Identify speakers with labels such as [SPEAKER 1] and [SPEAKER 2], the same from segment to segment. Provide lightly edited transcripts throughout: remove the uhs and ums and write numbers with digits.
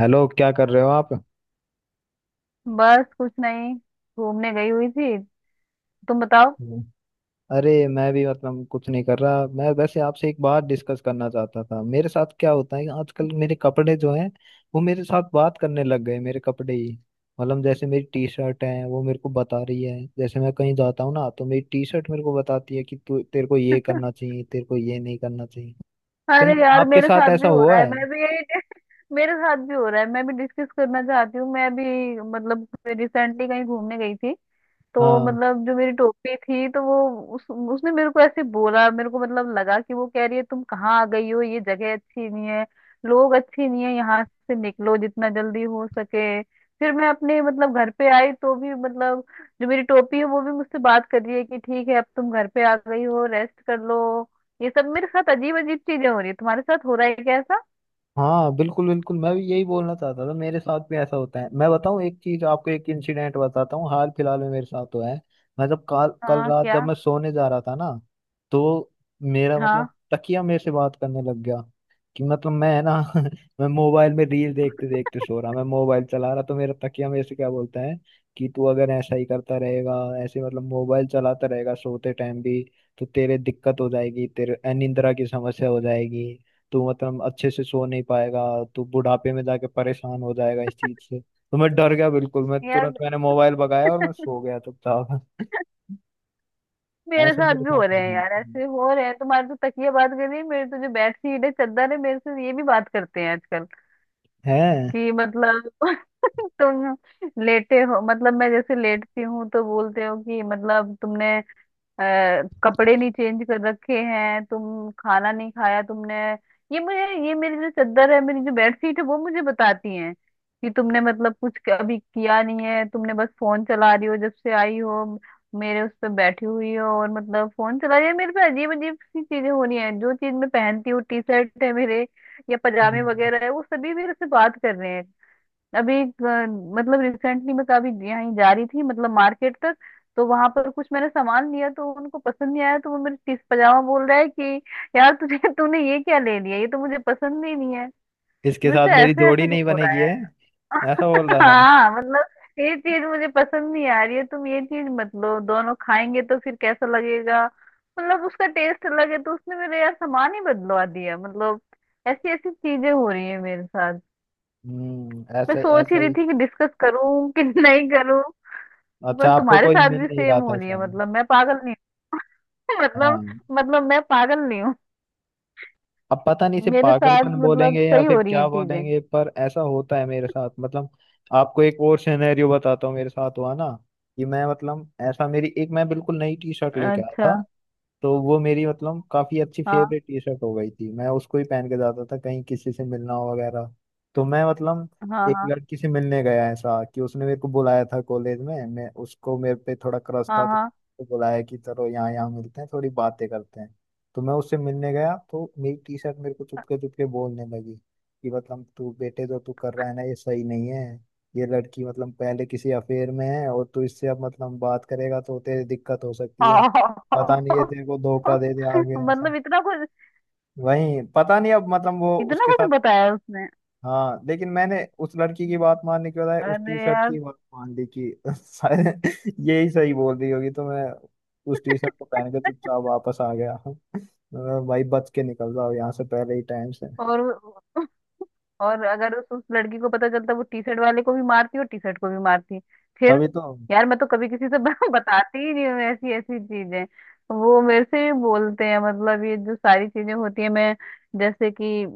[SPEAKER 1] Hello, क्या कर रहे हो आप?
[SPEAKER 2] बस कुछ नहीं। घूमने गई हुई थी। तुम बताओ।
[SPEAKER 1] हम्म। अरे, मैं भी कुछ नहीं कर रहा। मैं वैसे आपसे एक बात डिस्कस करना चाहता था। मेरे साथ क्या होता है कि आजकल मेरे कपड़े जो हैं वो मेरे साथ बात करने लग गए, मेरे कपड़े ही। मतलब जैसे मेरी टी शर्ट है वो मेरे को बता रही है। जैसे मैं कहीं जाता हूँ ना तो मेरी टी शर्ट मेरे को बताती है कि तू, तेरे को ये करना चाहिए, तेरे को ये नहीं करना चाहिए।
[SPEAKER 2] अरे
[SPEAKER 1] कहीं
[SPEAKER 2] यार,
[SPEAKER 1] आपके
[SPEAKER 2] मेरे
[SPEAKER 1] साथ
[SPEAKER 2] साथ भी
[SPEAKER 1] ऐसा
[SPEAKER 2] हो रहा
[SPEAKER 1] हुआ
[SPEAKER 2] है।
[SPEAKER 1] है?
[SPEAKER 2] मैं भी यही मेरे साथ भी हो रहा है। मैं भी डिस्कस करना चाहती हूँ। मैं भी मतलब रिसेंटली कहीं घूमने गई थी, तो
[SPEAKER 1] हाँ,
[SPEAKER 2] मतलब जो मेरी टोपी थी, तो वो उसने मेरे को ऐसे बोला, मेरे को मतलब लगा कि वो कह रही है तुम कहाँ आ गई हो, ये जगह अच्छी नहीं है, लोग अच्छे नहीं है, यहाँ से निकलो जितना जल्दी हो सके। फिर मैं अपने मतलब घर पे आई, तो भी मतलब जो मेरी टोपी है वो भी मुझसे बात कर रही है कि ठीक है, अब तुम घर पे आ गई हो, रेस्ट कर लो। ये सब मेरे साथ अजीब अजीब चीजें हो रही है। तुम्हारे साथ हो रहा है क्या ऐसा?
[SPEAKER 1] हाँ बिल्कुल बिल्कुल, मैं भी यही बोलना चाहता था। मेरे साथ भी ऐसा होता है। मैं बताऊँ एक चीज आपको, एक इंसिडेंट बताता हूँ हाल फिलहाल में मेरे साथ हुआ है। मैं जब कल कल
[SPEAKER 2] हाँ
[SPEAKER 1] रात
[SPEAKER 2] क्या?
[SPEAKER 1] जब मैं सोने जा रहा था ना, तो मेरा
[SPEAKER 2] हाँ,
[SPEAKER 1] मतलब तकिया मेरे से बात करने लग गया। कि मतलब, मैं है ना मैं मोबाइल में रील देखते देखते सो रहा, मैं मोबाइल चला रहा, तो मेरा तकिया मेरे से क्या बोलता है कि तू अगर ऐसा ही करता रहेगा, ऐसे मतलब मोबाइल चलाता रहेगा सोते टाइम भी, तो तेरे दिक्कत हो जाएगी, तेरे अनिद्रा की समस्या हो जाएगी, तू मतलब अच्छे से सो नहीं पाएगा, तू बुढ़ापे में जाके परेशान हो जाएगा इस चीज से। तो मैं डर गया बिल्कुल, मैं
[SPEAKER 2] यार
[SPEAKER 1] तुरंत मैंने मोबाइल भगाया और मैं सो गया चुपचाप।
[SPEAKER 2] मेरे
[SPEAKER 1] ऐसा
[SPEAKER 2] साथ
[SPEAKER 1] मेरे
[SPEAKER 2] भी हो
[SPEAKER 1] साथ
[SPEAKER 2] रहे हैं
[SPEAKER 1] होना
[SPEAKER 2] यार, ऐसे हो रहे हैं। तुम्हारे तो तकिया बात कर रही है, मेरे तो जो बेडशीट है, चादर है, मेरे से ये भी बात करते हैं आजकल।
[SPEAKER 1] है।
[SPEAKER 2] कि मतलब तुम लेटे हो, मतलब मैं जैसे लेटती हूँ तो बोलते हो कि मतलब तुमने अ, कपड़े नहीं चेंज कर रखे हैं, तुम खाना नहीं खाया तुमने। ये मुझे ये मेरी जो चद्दर है, मेरी जो बेडशीट है, वो मुझे बताती हैं कि तुमने मतलब कुछ अभी किया नहीं है, तुमने बस फोन चला रही हो जब से आई हो, मेरे उस पे बैठी हुई हो और मतलब फोन चला रही है। मेरे पे अजीब अजीब सी चीजें हो रही हैं, जो चीज मैं पहनती हूँ, टी शर्ट है मेरे या पजामे
[SPEAKER 1] हम्म।
[SPEAKER 2] वगैरह है, वो सभी मेरे से बात कर रहे हैं। अभी मतलब रिसेंटली मैं कभी यहाँ जा रही थी मतलब मार्केट तक, तो वहां पर कुछ मैंने सामान लिया, तो उनको पसंद नहीं आया, तो वो मेरे टीस पजामा बोल रहा है कि यार तुझे तूने ये क्या ले लिया, ये तो मुझे पसंद ही नहीं है।
[SPEAKER 1] इसके
[SPEAKER 2] मेरे
[SPEAKER 1] साथ
[SPEAKER 2] से
[SPEAKER 1] मेरी
[SPEAKER 2] ऐसे
[SPEAKER 1] जोड़ी
[SPEAKER 2] ऐसे क्यों
[SPEAKER 1] नहीं
[SPEAKER 2] हो रहा
[SPEAKER 1] बनेगी,
[SPEAKER 2] है?
[SPEAKER 1] है? ऐसा बोल रहा था।
[SPEAKER 2] हाँ, मतलब ये चीज मुझे पसंद नहीं आ रही है, तुम ये चीज मत लो, दोनों खाएंगे तो फिर कैसा लगेगा। मतलब उसका टेस्ट अलग है, तो उसने मेरे यार सामान ही बदलवा दिया। मतलब ऐसी ऐसी चीजें हो रही है मेरे साथ।
[SPEAKER 1] हम्म,
[SPEAKER 2] मैं
[SPEAKER 1] ऐसा
[SPEAKER 2] सोच
[SPEAKER 1] ऐसा
[SPEAKER 2] ही रही
[SPEAKER 1] ही।
[SPEAKER 2] थी कि डिस्कस करूं कि नहीं करूं,
[SPEAKER 1] अच्छा
[SPEAKER 2] पर
[SPEAKER 1] आपको
[SPEAKER 2] तुम्हारे
[SPEAKER 1] कोई
[SPEAKER 2] साथ
[SPEAKER 1] मिल
[SPEAKER 2] भी
[SPEAKER 1] नहीं
[SPEAKER 2] सेम
[SPEAKER 1] रहा
[SPEAKER 2] हो
[SPEAKER 1] था
[SPEAKER 2] रही
[SPEAKER 1] ऐसा?
[SPEAKER 2] है, मतलब मैं पागल नहीं हूं। मतलब
[SPEAKER 1] हाँ।
[SPEAKER 2] मतलब मैं पागल नहीं हूँ,
[SPEAKER 1] अब पता नहीं इसे
[SPEAKER 2] मेरे साथ
[SPEAKER 1] पागलपन
[SPEAKER 2] मतलब
[SPEAKER 1] बोलेंगे या
[SPEAKER 2] सही
[SPEAKER 1] फिर
[SPEAKER 2] हो रही
[SPEAKER 1] क्या
[SPEAKER 2] है चीजें।
[SPEAKER 1] बोलेंगे, पर ऐसा होता है मेरे साथ मतलब। आपको एक और सिनेरियो बताता हूँ मेरे साथ हुआ ना, कि मैं मतलब ऐसा, मेरी एक, मैं बिल्कुल नई टी शर्ट लेके आया
[SPEAKER 2] अच्छा।
[SPEAKER 1] था। तो वो मेरी मतलब काफी अच्छी
[SPEAKER 2] हाँ
[SPEAKER 1] फेवरेट टी शर्ट हो गई थी, मैं उसको ही पहन के जाता था कहीं किसी से मिलना हो वगैरह। तो मैं मतलब
[SPEAKER 2] हाँ।
[SPEAKER 1] एक
[SPEAKER 2] हाँ
[SPEAKER 1] लड़की से मिलने गया, ऐसा कि उसने मेरे को बुलाया था कॉलेज में, मैं उसको, मेरे पे थोड़ा क्रश था, तो
[SPEAKER 2] हाँ।
[SPEAKER 1] उसको बुलाया कि चलो यहाँ यहाँ मिलते हैं, थोड़ी बातें करते हैं। तो मैं उससे मिलने गया तो मेरी टी शर्ट मेरे को चुपके चुपके बोलने लगी कि मतलब, तू बेटे जो तू कर रहा है ना ये सही नहीं है, ये लड़की मतलब पहले किसी अफेयर में है और तू इससे अब मतलब बात करेगा तो तेरी दिक्कत हो सकती है,
[SPEAKER 2] हाँ
[SPEAKER 1] पता नहीं ये
[SPEAKER 2] हाँ।
[SPEAKER 1] तेरे को धोखा दे दे आगे, ऐसा।
[SPEAKER 2] मतलब इतना कुछ,
[SPEAKER 1] वही, पता नहीं अब मतलब वो
[SPEAKER 2] इतना
[SPEAKER 1] उसके साथ।
[SPEAKER 2] कुछ बताया उसने?
[SPEAKER 1] हाँ, लेकिन मैंने उस लड़की की बात मानने के बजाय उस
[SPEAKER 2] अरे
[SPEAKER 1] टी शर्ट
[SPEAKER 2] यार।
[SPEAKER 1] की बात मान ली कि शायद यही सही बोल रही होगी। तो मैं उस टी शर्ट को पहन के चुपचाप वापस आ गया। मैं, भाई बच के निकल जाओ यहाँ से पहले ही टाइम से।
[SPEAKER 2] और और अगर उस लड़की को पता चलता, वो टी शर्ट वाले को भी मारती और टी शर्ट को भी मारती फिर।
[SPEAKER 1] तभी तो।
[SPEAKER 2] यार मैं तो कभी किसी से बताती ही नहीं हूँ ऐसी ऐसी चीजें। वो मेरे से भी बोलते हैं, मतलब ये जो सारी चीजें होती है, मैं जैसे कि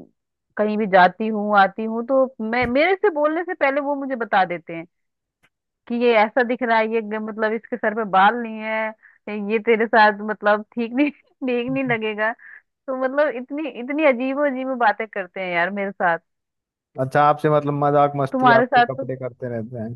[SPEAKER 2] कहीं भी जाती हूँ आती हूँ, तो मैं मेरे से बोलने से पहले वो मुझे बता देते हैं कि ये ऐसा दिख रहा है, ये मतलब इसके सर पे बाल नहीं है, ये तेरे साथ मतलब ठीक नहीं ठीक नहीं लगेगा। तो मतलब इतनी इतनी अजीबो अजीब बातें करते हैं यार मेरे साथ।
[SPEAKER 1] अच्छा आपसे मतलब मजाक मस्ती
[SPEAKER 2] तुम्हारे
[SPEAKER 1] आपके
[SPEAKER 2] साथ तो
[SPEAKER 1] कपड़े करते रहते हैं?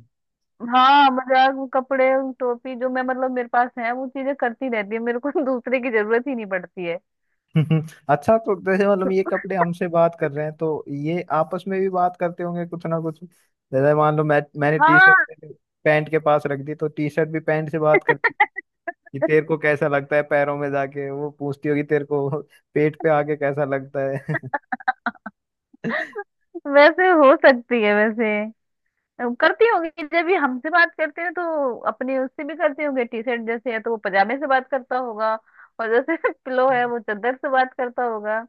[SPEAKER 2] हाँ मजाक, वो कपड़े, वो टोपी जो मैं मतलब मेरे पास है, वो चीजें करती रहती है मेरे को, दूसरे की जरूरत ही नहीं पड़ती है।
[SPEAKER 1] अच्छा तो जैसे मतलब ये कपड़े हमसे बात कर रहे हैं तो ये आपस में भी बात करते होंगे कुछ ना कुछ। जैसे मान लो मैंने टी
[SPEAKER 2] हाँ।
[SPEAKER 1] शर्ट पैंट के पास रख दी, तो टी शर्ट भी पैंट से बात करती है कि तेरे को कैसा लगता है पैरों में जाके, वो पूछती होगी तेरे को पेट पे आके कैसा लगता है।
[SPEAKER 2] वैसे हो सकती है, वैसे करती होगी, जब भी हमसे बात करते हैं तो अपने उससे भी करते होंगे। टी शर्ट जैसे है तो वो पजामे से बात करता होगा, और जैसे पिलो है वो चादर से बात करता होगा।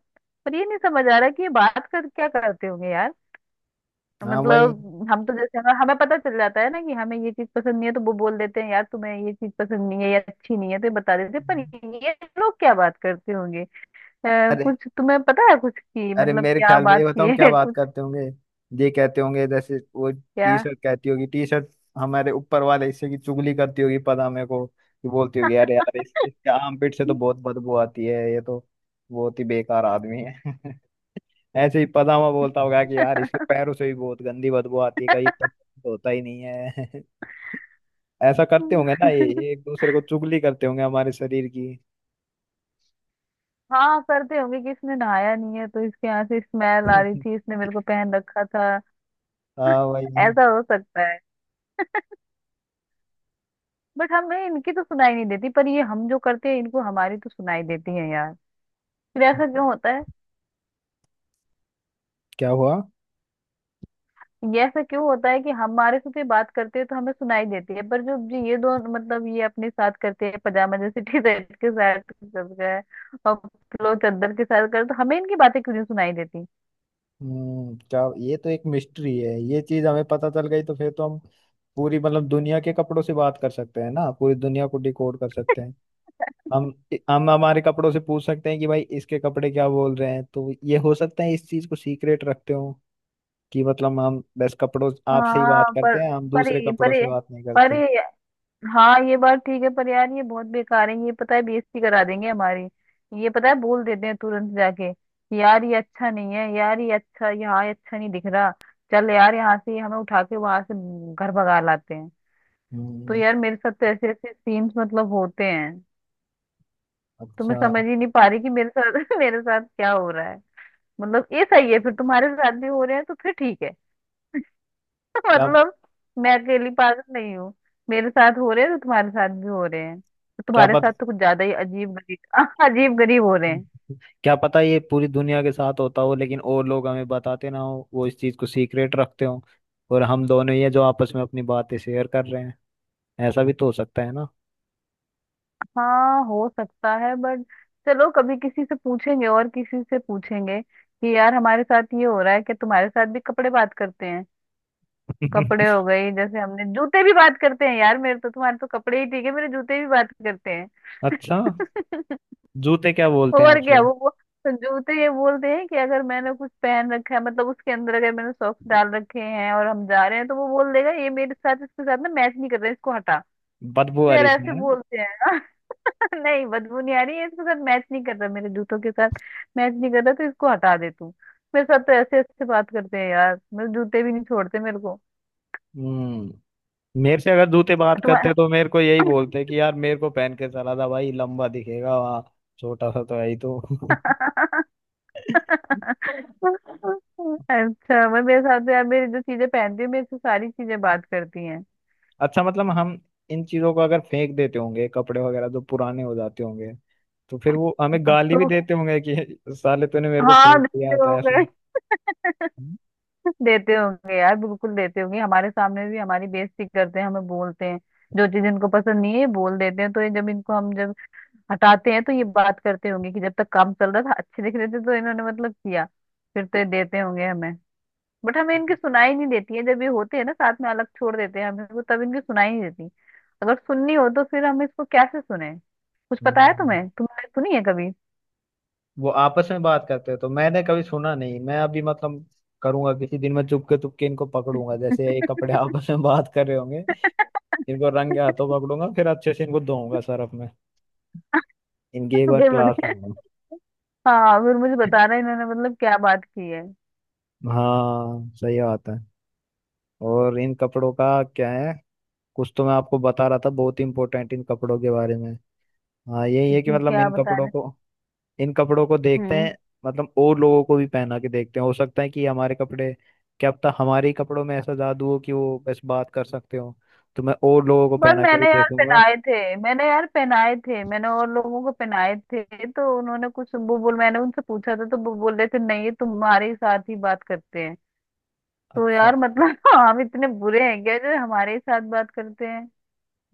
[SPEAKER 2] पर ये नहीं समझ आ रहा कि ये बात कर क्या करते होंगे यार।
[SPEAKER 1] हाँ वही।
[SPEAKER 2] मतलब हम तो जैसे हमें हमें पता चल जाता है ना कि हमें ये चीज पसंद नहीं है, तो वो बोल देते हैं यार तुम्हें ये चीज पसंद नहीं है या अच्छी नहीं है, तो ये बता देते हैं, पर ये लोग क्या बात करते होंगे?
[SPEAKER 1] अरे
[SPEAKER 2] कुछ तुम्हें पता है कुछ की
[SPEAKER 1] अरे
[SPEAKER 2] मतलब
[SPEAKER 1] मेरे
[SPEAKER 2] क्या
[SPEAKER 1] ख्याल में ये
[SPEAKER 2] बात की
[SPEAKER 1] बताऊं क्या
[SPEAKER 2] है
[SPEAKER 1] बात
[SPEAKER 2] कुछ?
[SPEAKER 1] करते होंगे। ये कहते होंगे जैसे वो
[SPEAKER 2] क्या?
[SPEAKER 1] टी शर्ट कहती होगी, टी शर्ट हमारे ऊपर वाले हिस्से की चुगली करती होगी, पता मेरे को, कि बोलती होगी अरे यार इसके आर्मपिट से तो बहुत बदबू आती है, ये तो बहुत ही बेकार आदमी है ऐसे ही पदामा बोलता होगा कि यार इसके पैरों से भी बहुत गंदी बदबू आती है, कहीं तक होता ही नहीं है। ऐसा करते होंगे ना ये एक दूसरे को चुगली करते होंगे हमारे शरीर की।
[SPEAKER 2] हाँ, करते होंगे कि इसने नहाया नहीं है तो इसके यहाँ से स्मेल आ रही थी, इसने मेरे को पहन रखा था।
[SPEAKER 1] हाँ भाई।
[SPEAKER 2] ऐसा हो सकता है, बट हमें इनकी तो सुनाई नहीं देती, पर ये हम जो करते हैं इनको, हमारी तो सुनाई देती है यार। फिर ऐसा क्यों होता है?
[SPEAKER 1] क्या हुआ?
[SPEAKER 2] ये ऐसा क्यों होता है कि हमारे साथ ये बात करते हैं तो हमें सुनाई देती है, पर जो जो ये दो मतलब ये अपने साथ करते हैं, पजामा जैसे टी शर्ट के साथ करते हैं और पिलो चादर के साथ करते, तो हमें इनकी बातें क्यों नहीं सुनाई देती?
[SPEAKER 1] हम्म, क्या, ये तो एक मिस्ट्री है। ये चीज हमें पता चल गई तो फिर तो हम पूरी मतलब दुनिया के कपड़ों से बात कर सकते हैं ना, पूरी दुनिया को डिकोड कर सकते हैं। हम हम हमारे कपड़ों से पूछ सकते हैं कि भाई इसके कपड़े क्या बोल रहे हैं। तो ये हो सकता है इस चीज को सीक्रेट रखते हो कि मतलब हम बस कपड़ों आपसे ही बात
[SPEAKER 2] हाँ पर
[SPEAKER 1] करते हैं, हम
[SPEAKER 2] पर
[SPEAKER 1] दूसरे
[SPEAKER 2] ये-
[SPEAKER 1] कपड़ों
[SPEAKER 2] पर
[SPEAKER 1] से
[SPEAKER 2] ये-
[SPEAKER 1] बात नहीं
[SPEAKER 2] पर
[SPEAKER 1] करते।
[SPEAKER 2] ये- हाँ, ये बात ठीक है, पर यार ये बहुत बेकार है, ये पता है बेइज्जती करा देंगे हमारी, ये पता है बोल देते हैं तुरंत जाके, यार ये अच्छा नहीं है, यार ये अच्छा, यहाँ ये अच्छा नहीं दिख रहा, चल यार यहाँ से, हमें उठा के वहां से घर भगा लाते हैं। तो
[SPEAKER 1] हम्म।
[SPEAKER 2] यार मेरे साथ तो ऐसे ऐसे सीन्स मतलब होते हैं। तो मैं
[SPEAKER 1] अच्छा।
[SPEAKER 2] समझ ही नहीं पा रही कि मेरे साथ मेरे साथ क्या हो रहा है। मतलब ये सही है फिर, तुम्हारे साथ भी हो रहे हैं तो फिर ठीक है।
[SPEAKER 1] क्या
[SPEAKER 2] मतलब मैं अकेली पागल नहीं हूँ। मेरे साथ हो रहे हैं तो तुम्हारे साथ भी हो रहे हैं, तो
[SPEAKER 1] क्या
[SPEAKER 2] तुम्हारे साथ
[SPEAKER 1] पता
[SPEAKER 2] तो कुछ ज्यादा ही अजीब गरीब अजीब गरीब हो रहे हैं।
[SPEAKER 1] क्या पता ये पूरी दुनिया के साथ होता हो लेकिन और लोग हमें बताते ना हो, वो इस चीज को सीक्रेट रखते हो, और हम दोनों ही है जो आपस में अपनी बातें शेयर कर रहे हैं। ऐसा भी तो हो सकता है ना।
[SPEAKER 2] हाँ, हो सकता है, बट चलो कभी किसी से पूछेंगे, और किसी से पूछेंगे कि यार हमारे साथ ये हो रहा है कि तुम्हारे साथ भी कपड़े बात करते हैं। कपड़े हो गई, जैसे हमने जूते भी बात करते हैं यार मेरे तो। तुम्हारे तो कपड़े ही ठीक है, मेरे जूते भी बात करते
[SPEAKER 1] अच्छा
[SPEAKER 2] हैं।
[SPEAKER 1] जूते क्या बोलते हैं
[SPEAKER 2] और क्या
[SPEAKER 1] आपसे?
[SPEAKER 2] वो तो जूते ये बोलते हैं कि अगर मैंने कुछ पहन रखा है, मतलब उसके अंदर अगर मैंने सॉक्स डाल रखे हैं और हम जा रहे हैं, तो वो बोल देगा ये मेरे साथ, इसके साथ ना मैच नहीं कर रहा, इसको हटा।
[SPEAKER 1] बदबू
[SPEAKER 2] तो
[SPEAKER 1] आ रही
[SPEAKER 2] यार
[SPEAKER 1] इसमें
[SPEAKER 2] ऐसे
[SPEAKER 1] है?
[SPEAKER 2] बोलते हैं ना। नहीं बदबू नहीं आ रही है, इसके साथ मैच नहीं कर रहा, मेरे जूतों के साथ मैच नहीं कर रहा, तो इसको हटा दे तू। मेरे साथ तो ऐसे ऐसे बात करते हैं यार, मेरे जूते भी नहीं छोड़ते मेरे को।
[SPEAKER 1] हम्म। मेरे से अगर जूते बात
[SPEAKER 2] तुम्हारा।
[SPEAKER 1] करते तो मेरे को यही बोलते कि यार मेरे को पहन के चला था भाई, लंबा दिखेगा वहाँ, छोटा सा तो है ही तो।
[SPEAKER 2] अच्छा, मैं मेरे साथ तो यार मेरी जो चीजें पहनती हूँ, मेरे से सारी चीजें बात करती हैं।
[SPEAKER 1] अच्छा मतलब हम इन चीजों को अगर फेंक देते होंगे, कपड़े वगैरह जो पुराने हो जाते होंगे, तो फिर वो हमें गाली भी
[SPEAKER 2] तो
[SPEAKER 1] देते होंगे कि साले तूने मेरे को
[SPEAKER 2] हाँ,
[SPEAKER 1] फेंक दिया
[SPEAKER 2] देते
[SPEAKER 1] होता,
[SPEAKER 2] होंगे।
[SPEAKER 1] ऐसा। हम्म।
[SPEAKER 2] देते होंगे यार, बिल्कुल देते होंगे, हमारे सामने भी हमारी बेइज्जती करते हैं, हमें बोलते हैं जो चीज इनको पसंद नहीं है ये बोल देते हैं। तो ये जब इनको हम जब हटाते हैं, तो ये बात करते होंगे कि जब तक काम चल रहा था अच्छे दिख रहे थे, तो इन्होंने मतलब किया, फिर तो ये देते होंगे हमें। बट हमें इनकी सुनाई नहीं देती है, जब ये होते हैं ना साथ में, अलग छोड़ देते हैं हमें को, तब इनकी सुनाई नहीं देती। अगर सुननी हो तो फिर हम इसको कैसे सुने? कुछ पता है
[SPEAKER 1] हम्म।
[SPEAKER 2] तुम्हें, तुमने सुनी है कभी?
[SPEAKER 1] वो आपस में बात करते हैं तो मैंने कभी सुना नहीं। मैं अभी मतलब करूंगा किसी दिन, मैं चुपके चुपके इनको पकड़ूंगा जैसे ये कपड़े आपस में बात कर रहे होंगे। इनको रंगे हाथों पकड़ूंगा, फिर अच्छे से इनको धोऊंगा सर्फ में, इनकी एक बार
[SPEAKER 2] फिर
[SPEAKER 1] क्लास
[SPEAKER 2] मुझे,
[SPEAKER 1] लूंगा।
[SPEAKER 2] हाँ फिर मुझे बता रहे इन्होंने मतलब क्या बात की है।
[SPEAKER 1] हाँ सही बात है। और इन कपड़ों का क्या है, कुछ तो मैं आपको बता रहा था बहुत इंपॉर्टेंट इन कपड़ों के बारे में। हाँ यही है कि मतलब
[SPEAKER 2] क्या
[SPEAKER 1] इन
[SPEAKER 2] बता
[SPEAKER 1] कपड़ों
[SPEAKER 2] रहे?
[SPEAKER 1] को, इन कपड़ों को देखते
[SPEAKER 2] हम्म।
[SPEAKER 1] हैं मतलब और लोगों को भी पहना के देखते हैं। हो सकता है कि हमारे कपड़े, क्या पता हमारे ही कपड़ों में ऐसा जादू हो कि वो बस बात कर सकते हो। तो मैं और लोगों को
[SPEAKER 2] पर
[SPEAKER 1] पहना के भी
[SPEAKER 2] मैंने यार
[SPEAKER 1] देखूंगा।
[SPEAKER 2] पहनाए थे, मैंने यार पहनाए थे, मैंने और लोगों को पहनाए थे, तो उन्होंने कुछ वो बोल, मैंने उनसे पूछा था तो वो बोल रहे थे नहीं, ये तुम्हारे ही साथ ही बात करते हैं। तो
[SPEAKER 1] अच्छा।
[SPEAKER 2] यार मतलब हम इतने बुरे हैं क्या जो हमारे ही साथ बात करते हैं?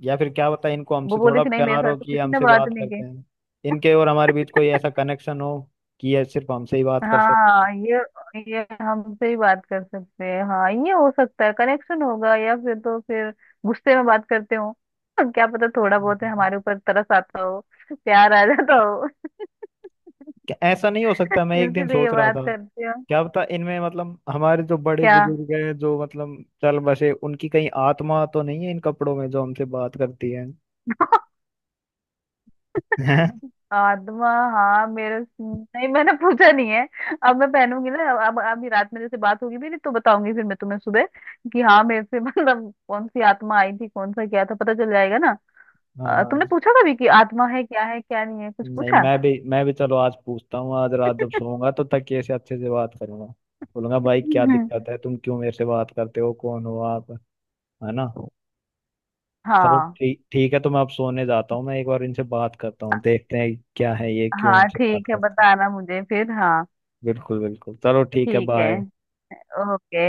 [SPEAKER 1] या फिर क्या पता इनको
[SPEAKER 2] वो
[SPEAKER 1] हमसे
[SPEAKER 2] बोली
[SPEAKER 1] थोड़ा
[SPEAKER 2] थी नहीं, मेरे
[SPEAKER 1] प्यार
[SPEAKER 2] साथ
[SPEAKER 1] हो
[SPEAKER 2] तो
[SPEAKER 1] कि ये
[SPEAKER 2] किसी ने
[SPEAKER 1] हमसे
[SPEAKER 2] बात
[SPEAKER 1] बात
[SPEAKER 2] नहीं
[SPEAKER 1] करते
[SPEAKER 2] की।
[SPEAKER 1] हैं। इनके और हमारे बीच कोई ऐसा कनेक्शन हो कि ये सिर्फ हमसे ही बात कर सकते
[SPEAKER 2] हाँ ये हमसे ही बात कर सकते हैं, हाँ ये हो सकता है, कनेक्शन होगा। या फिर तो फिर गुस्से में बात करते हो? क्या पता, थोड़ा बहुत है
[SPEAKER 1] हैं।
[SPEAKER 2] हमारे ऊपर तरस आता हो, प्यार आ जाता हो।
[SPEAKER 1] क्या ऐसा नहीं हो सकता? मैं एक दिन
[SPEAKER 2] इसलिए
[SPEAKER 1] सोच रहा
[SPEAKER 2] बात
[SPEAKER 1] था,
[SPEAKER 2] करते हो?
[SPEAKER 1] क्या पता इनमें मतलब हमारे जो बड़े
[SPEAKER 2] क्या?
[SPEAKER 1] बुजुर्ग हैं जो मतलब चल बसे, उनकी कहीं आत्मा तो नहीं है इन कपड़ों में, जो हमसे बात करती है। हैं?
[SPEAKER 2] आत्मा? हाँ मेरे नहीं, मैंने पूछा नहीं है। अब मैं पहनूंगी ना, अब अभी रात में जैसे बात होगी मेरी, तो बताऊंगी फिर मैं तुम्हें सुबह कि हाँ मेरे से मतलब कौन सी आत्मा आई थी, कौन सा क्या था, पता चल जाएगा ना। तुमने
[SPEAKER 1] हाँ।
[SPEAKER 2] पूछा कभी कि आत्मा है क्या, है क्या नहीं है, कुछ
[SPEAKER 1] नहीं,
[SPEAKER 2] पूछा?
[SPEAKER 1] मैं भी चलो आज पूछता हूँ, आज रात जब सोऊंगा तो तकिए से अच्छे से बात करूंगा। बोलूंगा भाई क्या
[SPEAKER 2] हम्म।
[SPEAKER 1] दिक्कत है, तुम क्यों मेरे से बात करते हो, कौन हो आप? है ना? चलो
[SPEAKER 2] हाँ।
[SPEAKER 1] ठीक ठीक है, तो मैं अब सोने जाता हूँ, मैं एक बार इनसे बात करता हूँ, देखते हैं क्या है, ये क्यों
[SPEAKER 2] हाँ
[SPEAKER 1] हमसे बात
[SPEAKER 2] ठीक है,
[SPEAKER 1] करते हैं।
[SPEAKER 2] बताना मुझे फिर, हाँ।
[SPEAKER 1] बिल्कुल बिल्कुल, चलो ठीक है,
[SPEAKER 2] ठीक है।
[SPEAKER 1] बाय।
[SPEAKER 2] ओके।